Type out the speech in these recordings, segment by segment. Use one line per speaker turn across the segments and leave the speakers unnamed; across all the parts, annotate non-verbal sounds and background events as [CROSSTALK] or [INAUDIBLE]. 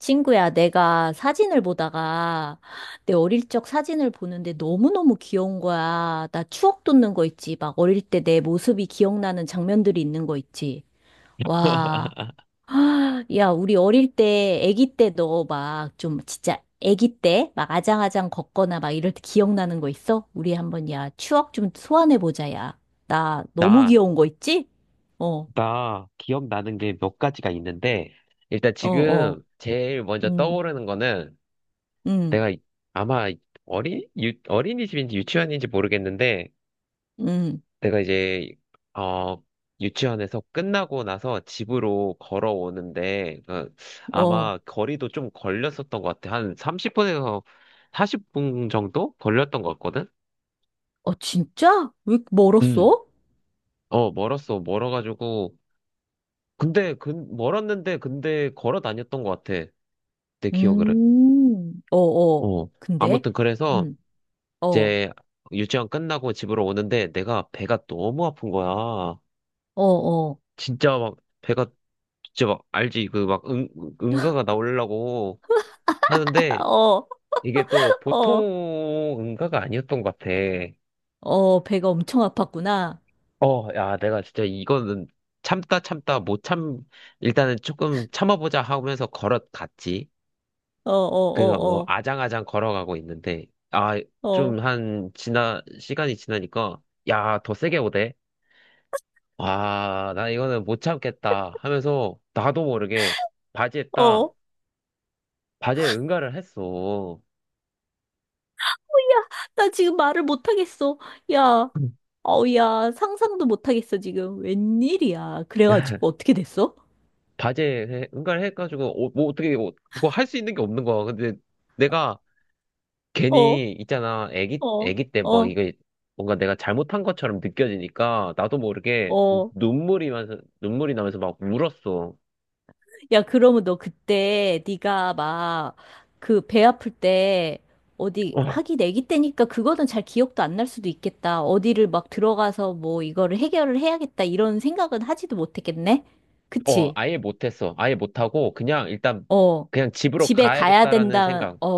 친구야, 내가 사진을 보다가 내 어릴 적 사진을 보는데 너무너무 귀여운 거야. 나 추억 돋는 거 있지. 막 어릴 때 내 모습이 기억나는 장면들이 있는 거 있지. 와.
[LAUGHS]
[GASPS] 아, 야, 우리 어릴 때, 아기 때 너 막 좀 진짜 아기 때 막 아장아장 걷거나 막 이럴 때 기억나는 거 있어? 우리 한번 야, 추억 좀 소환해 보자, 야. 나 너무
나,
귀여운 거 있지? 어,
나 기억나는 게 몇 가지가 있는데, 일단
어, 어.
지금 제일 먼저
음,
떠오르는 거는
음,
내가 아마 어린이집인지 유치원인지 모르겠는데,
음,
내가 어, 유치원에서 끝나고 나서 집으로 걸어오는데, 그
어.
아마 거리도 좀 걸렸었던 것 같아. 한 30분에서 40분 정도 걸렸던 것 같거든?
어, 진짜? 왜 이렇게
음.
멀었어?
어, 멀었어. 멀어가지고, 근데 근 멀었는데 근데 걸어 다녔던 것 같아. 내 기억으로.
어, 어.
어.
근데?
아무튼 그래서
음, 어,
이제 유치원 끝나고 집으로 오는데 내가 배가 너무 아픈 거야.
어, 어.
진짜 막 배가 진짜 막 알지 그 막 응, 응가가 나오려고 하는데
[LAUGHS] 어,
이게 또
어,
보통 응가가 아니었던 것 같아.
어, 배가 엄청 아팠구나.
어, 야, 내가 진짜 이거는 참다 참다 못 참, 일단은 조금 참아보자 하면서 걸어갔지.
어,
그래서
어,
뭐
어,
아장아장 걸어가고 있는데 아
어,
좀 한 지나 시간이 지나니까 야 더 세게 오대. 아 나 이거는 못 참겠다 하면서 나도 모르게 바지에
어,
딱
어.
바지에 응가를 했어.
나 지금 말을 못하겠어. 야, 어, 야, 상상도 못하겠어, 지금. 웬일이야. 그래가지고 어떻게 됐어?
응가를 해가지고 어, 뭐 어떻게 뭐 그거 할 수 있는 게 없는 거야. 근데 내가
어,
괜히 있잖아 애기
어,
애기 때 뭐
어,
이거 뭔가 내가 잘못한 것처럼 느껴지니까 나도 모르게
어.
눈물이 나면서 막 울었어.
야, 그러면 너 그때 네가 막 그 배 아플 때 어디 하기 내기 때니까 그거는 잘 기억도 안 날 수도 있겠다. 어디를 막 들어가서 뭐 이거를 해결을 해야겠다 이런 생각은 하지도 못했겠네.
어,
그치?
아예 못했어. 아예 못하고, 그냥 일단,
어.
그냥 집으로
집에 가야
가야겠다라는
된다.
생각.
어,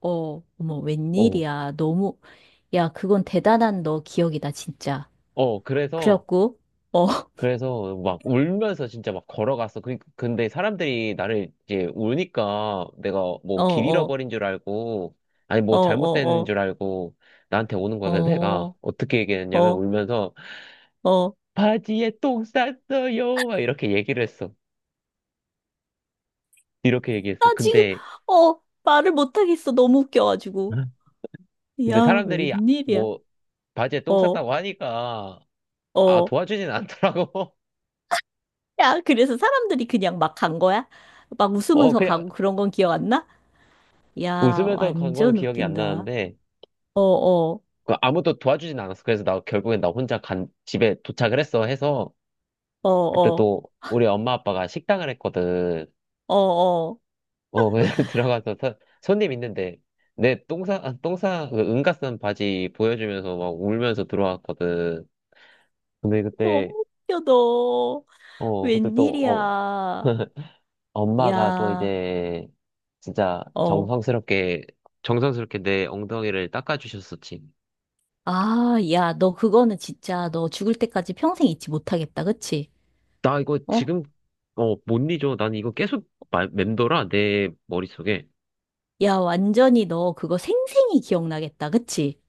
어. 어머,
어,
웬일이야. 너무 야, 그건 대단한 너 기억이다, 진짜.
어, 그래서,
그래갖고 어, [LAUGHS]
그래서 막 울면서 진짜 막 걸어갔어. 그, 근데 사람들이 나를 이제 우니까 내가
어,
뭐 길
어,
잃어버린 줄 알고, 아니
어,
뭐 잘못된
어,
줄 알고 나한테 오는 거야.
어,
그래서 내가
어,
어떻게 얘기했냐면
어,
울면서
어.
바지에 똥 쌌어요. 막 이렇게 얘기를 했어. 이렇게 얘기했어.
지금,
근데,
어, 말을 못하겠어. 너무 웃겨가지고.
근데
야,
사람들이
웬일이야.
뭐 바지에 똥
어,
쌌다고 하니까, 아,
어.
도와주진 않더라고.
야, 그래서 사람들이 그냥 막 간 거야? 막
[LAUGHS] 어,
웃으면서
그냥
가고 그런 건 기억 안 나? 야,
웃으면서 간 거는
완전
기억이 안
웃긴다.
나는데,
어, 어,
그 아무도 도와주진 않았어. 그래서 나 결국엔 집에 도착을 했어 해서,
어,
그때
어,
또 우리 엄마 아빠가 식당을 했거든.
어, 어.
어, 그냥 [LAUGHS] 손님 있는데, 내 똥싸, 아, 똥싸, 그 응가 쓴 바지 보여주면서 막 울면서 들어왔거든. 근데 그때,
너무 웃겨, 너.
어, 그때 또, 어,
웬일이야.
[LAUGHS] 엄마가 또
야,
이제, 진짜
어.
정성스럽게, 정성스럽게 내 엉덩이를 닦아주셨었지.
아, 야, 너 그거는 진짜 너 죽을 때까지 평생 잊지 못하겠다. 그치?
나 이거
어?
지금, 어, 못 잊어. 난 이거 계속 맴돌아, 내 머릿속에.
야, 완전히 너 그거 생생히 기억나겠다. 그치?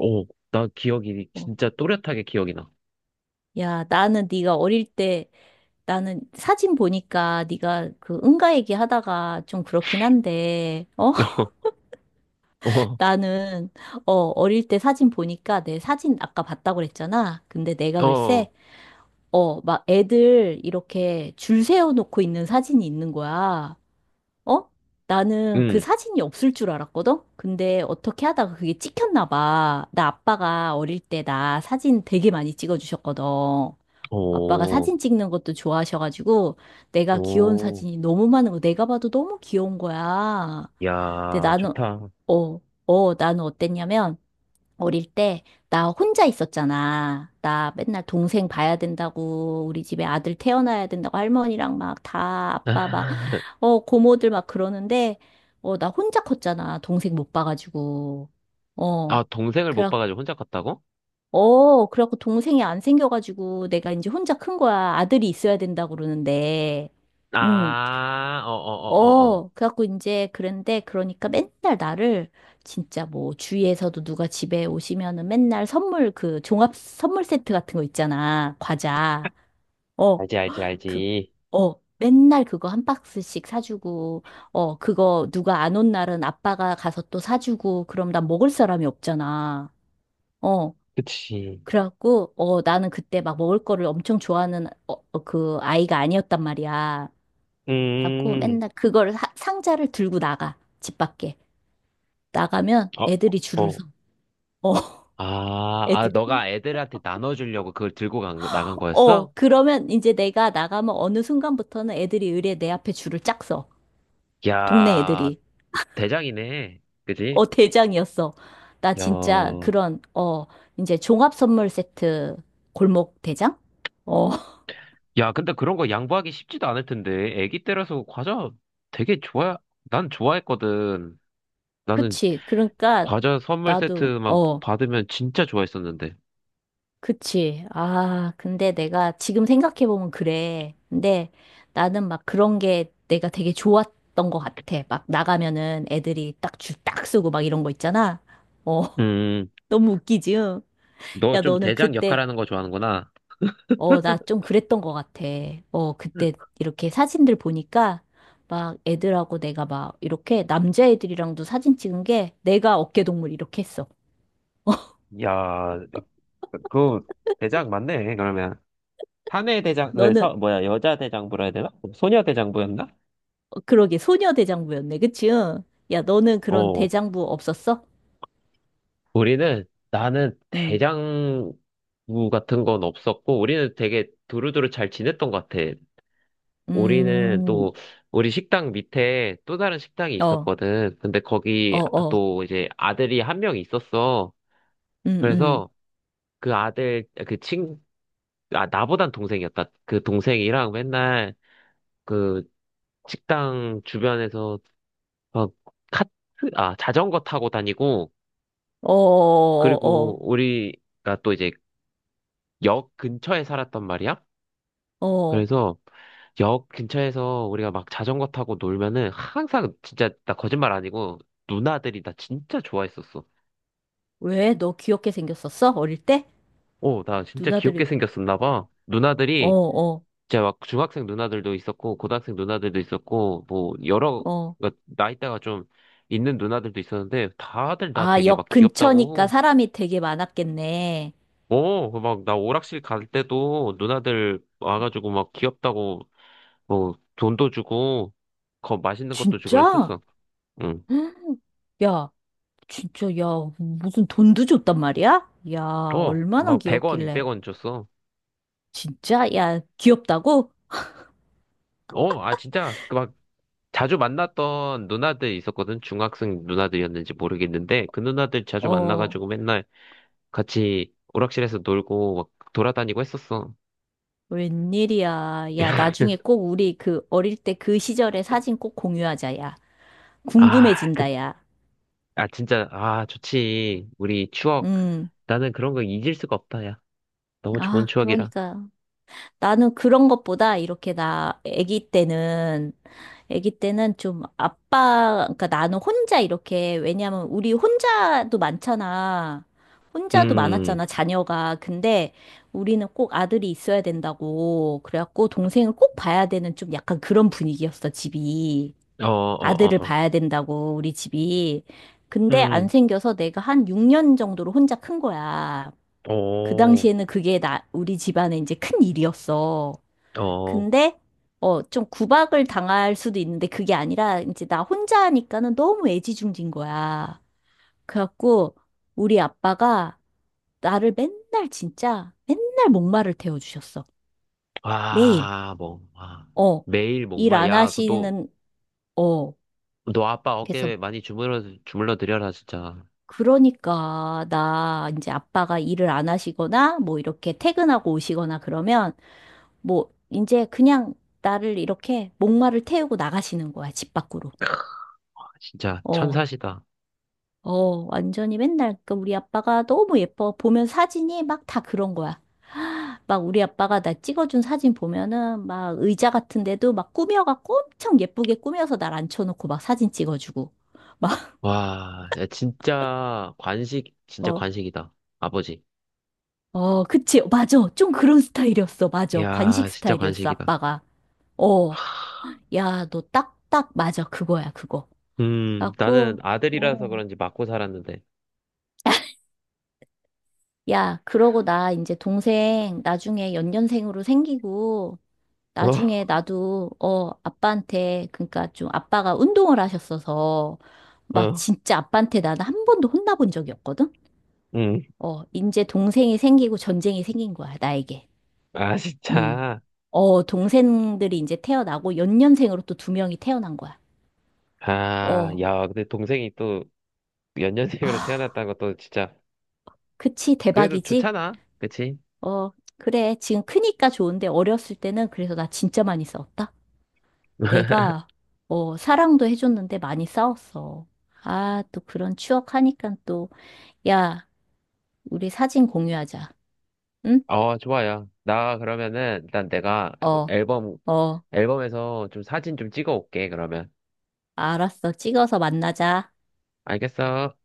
어, 나 기억이
어,
진짜 또렷하게 기억이 나.
야, 나는 네가 어릴 때 나는 사진 보니까 네가 그 응가 얘기하다가 좀 그렇긴 한데 어
[LAUGHS] 어,
[LAUGHS]
어,
나는 어 어릴 때 사진 보니까 내 사진 아까 봤다고 그랬잖아. 근데 내가
어,
글쎄 어 막 애들 이렇게 줄 세워 놓고 있는 사진이 있는 거야. 어? 나는 그
응,
사진이 없을 줄 알았거든? 근데 어떻게 하다가 그게 찍혔나 봐. 나 아빠가 어릴 때 나 사진 되게 많이 찍어주셨거든. 아빠가
어,
사진 찍는 것도 좋아하셔가지고 내가 귀여운
오,
사진이 너무 많은 거 내가 봐도 너무 귀여운 거야. 근데
야,
나는
좋다.
어, 어, 나는 어땠냐면 어릴 때 나 혼자 있었잖아. 나 맨날 동생 봐야 된다고 우리 집에 아들 태어나야 된다고 할머니랑 막 다 아빠 막
[LAUGHS]
어, 고모들 막 그러는데 어, 나 혼자 컸잖아. 동생 못 봐가지고. 어.
아, 동생을 못
그래
봐가지고 혼자 갔다고?
어, 그래갖고 동생이 안 생겨가지고 내가 이제 혼자 큰 거야. 아들이 있어야 된다고 그러는데. 응.
아, 어, 어, 어, 어, 어.
어, 그래갖고 이제 그런데 그러니까 맨날 나를 진짜 뭐 주위에서도 누가 집에 오시면은 맨날 선물 그 종합 선물 세트 같은 거 있잖아. 과자. 어,
알지, 알지,
그,
알지.
어. 맨날 그거 한 박스씩 사주고, 어, 그거 누가 안 온 날은 아빠가 가서 또 사주고, 그럼 난 먹을 사람이 없잖아. 어.
그치.
그래갖고, 어, 나는 그때 막 먹을 거를 엄청 좋아하는 어, 어, 그 아이가 아니었단 말이야. 그래갖고
음,
맨날 그걸 상자를 들고 나가. 집 밖에. 나가면
어,
애들이 줄을
어.
서. 어, [LAUGHS]
아, 아,
애들이.
너가 애들한테 나눠주려고 그걸 들고 나간 거였어?
어, 그러면 이제 내가 나가면 어느 순간부터는 애들이 의례 내 앞에 줄을 짝 서. 동네
야,
애들이.
대장이네. 그지?
어, 대장이었어. 나
야,
진짜 그런, 어, 이제 종합 선물 세트 골목 대장? 어, [LAUGHS]
야, 근데 그런 거 양보하기 쉽지도 않을 텐데. 애기 때라서 과자 되게 좋아, 난 좋아했거든. 나는
그치. 그러니까
과자 선물
나도,
세트만
어.
받으면 진짜 좋아했었는데.
그치. 아, 근데 내가 지금 생각해보면 그래. 근데 나는 막 그런 게 내가 되게 좋았던 것 같아. 막 나가면은 애들이 딱 줄 딱 쓰고 막 이런 거 있잖아. 어, [LAUGHS]
음,
너무 웃기지? 응?
너
야,
좀
너는
대장
그때,
역할하는 거 좋아하는구나.
어, 나 좀 그랬던 것 같아. 어, 그때 이렇게 사진들 보니까 막 애들하고 내가 막 이렇게 남자애들이랑도 사진 찍은 게 내가 어깨동물 이렇게 했어.
야, 그 대장 맞네. 그러면 사내 대장, 그
너는,
서, 뭐야, 여자 대장부라 해야 되나? 소녀 대장부였나?
어, 그러게 소녀 대장부였네. 그치? 응? 야, 너는 그런
어,
대장부 없었어?
우리는 나는
음,
대장부 같은 건 없었고 우리는 되게 두루두루 잘 지냈던 것 같아. 우리는
음,
또 우리 식당 밑에 또 다른 식당이
어, 어,
있었거든. 근데 거기
어,
또 이제 아들이 한 명 있었어.
음, 음,
그래서 그 아들 그 친, 아 나보단 동생이었다. 그 동생이랑 맨날 그 식당 주변에서 막 카트, 자전거 타고 다니고,
어,
그리고
어,
우리가 또 이제 역 근처에 살았단 말이야?
어, 어.
그래서 역 근처에서 우리가 막 자전거 타고 놀면은 항상 진짜 나 거짓말 아니고 누나들이 나 진짜 좋아했었어.
왜? 너 귀엽게 생겼었어? 어릴 때?
오, 나 진짜 귀엽게
누나들이,
생겼었나 봐.
어,
누나들이
어,
진짜 막 중학생 누나들도 있었고 고등학생 누나들도 있었고 뭐 여러
어.
그 나이대가 좀 있는 누나들도 있었는데 다들 나
아,
되게 막
역 근처니까
귀엽다고.
사람이 되게 많았겠네.
어, 그 막나 오락실 갈 때도 누나들 와가지고 막 귀엽다고 뭐 돈도 주고 거 맛있는 것도 주고
진짜?
그랬었어. 응.
[GASPS] 헉, 야, 진짜, 야, 무슨 돈도 줬단 말이야? 야,
어,
얼마나
막 100원,
귀엽길래.
200원 줬어.
진짜? 야, 귀엽다고?
어, 아, 진짜, 그 막, 자주 만났던 누나들 있었거든? 중학생 누나들이었는지 모르겠는데, 그 누나들 자주
어,
만나가지고 맨날 같이 오락실에서 놀고, 막 돌아다니고 했었어.
웬일이야. 야,
[LAUGHS]
나중에 꼭 우리 그 어릴 때 그 시절의 사진 꼭 공유하자, 야.
아, 그,
궁금해진다, 야.
아, 진짜, 아, 좋지. 우리 추억.
음.
나는 그런 거 잊을 수가 없다, 야. 너무 좋은
아,
추억이라.
그러니까. 나는 그런 것보다 이렇게 나 아기 때는, 아기 때는 좀 아빠, 그러니까 나는 혼자 이렇게, 왜냐면 우리 혼자도 많잖아. 혼자도
음,
많았잖아, 자녀가. 근데 우리는 꼭 아들이 있어야 된다고. 그래갖고 동생을 꼭 봐야 되는 좀 약간 그런 분위기였어, 집이.
어, 어,
아들을
어, 어.
봐야 된다고 우리 집이. 근데 안
음,
생겨서 내가 한 6년 정도로 혼자 큰 거야. 그
오,
당시에는 그게 나 우리 집안에 이제 큰 일이었어.
어.
근데 어, 좀 구박을 당할 수도 있는데 그게 아니라 이제 나 혼자 하니까는 너무 애지중지인 거야. 그래갖고 우리 아빠가 나를 맨날 진짜 맨날 목마를 태워주셨어. 매일.
아, 뭐, 아.
어.
매일
일
목마.
안
야, 그 너,
하시는, 어.
너 아빠
그래서
어깨에 많이 주물러 드려라, 진짜.
그러니까 나 이제 아빠가 일을 안 하시거나 뭐 이렇게 퇴근하고 오시거나 그러면 뭐 이제 그냥 나를 이렇게 목마를 태우고 나가시는 거야 집 밖으로.
진짜
어,
천사시다.
어, 완전히 맨날 그 우리 아빠가 너무 예뻐 보면 사진이 막 다 그런 거야. [GASPS] 막 우리 아빠가 나 찍어준 사진 보면은 막 의자 같은 데도 막 꾸며갖고 엄청 예쁘게 꾸며서 날 앉혀놓고 막 사진 찍어주고 막 [LAUGHS]
와, 야, 진짜
어
관식이다. 아버지.
어, 그치. 맞아. 좀 그런 스타일이었어. 맞아.
이야,
관식
진짜
스타일이었어.
관식이다.
아빠가. 어. 야, 너 딱딱 맞아. 그거야, 그거.
나는
갖고,
아들이라서
어.
그런지 맞고 살았는데.
야, 그러고 나 이제 동생 나중에 연년생으로 생기고, 나중에
어,
나도, 어, 아빠한테, 그러니까 좀 아빠가 운동을 하셨어서, 막
어,
진짜 아빠한테 나는 한 번도 혼나본 적이 없거든?
음.
어, 이제 동생이 생기고 전쟁이 생긴 거야, 나에게.
아,
음.
진짜.
어, 동생들이 이제 태어나고 연년생으로 또 두 명이 태어난 거야.
아,
어,
야, 근데 동생이 또 연년생으로
아,
태어났다는 것도 진짜.
그치,
그래도
대박이지?
좋잖아. 그치?
어, 그래. 지금 크니까 좋은데 어렸을 때는 그래서 나 진짜 많이 싸웠다.
[LAUGHS]
내가, 어, 사랑도 해줬는데 많이 싸웠어. 아, 또 그런 추억 하니까 또, 야, 우리 사진 공유하자. 응?
어, 좋아요. 나 그러면은 일단 내가
어,
앨범
어,
앨범에서 좀 사진 좀 찍어 올게, 그러면.
알았어. 찍어서 만나자.
알겠어?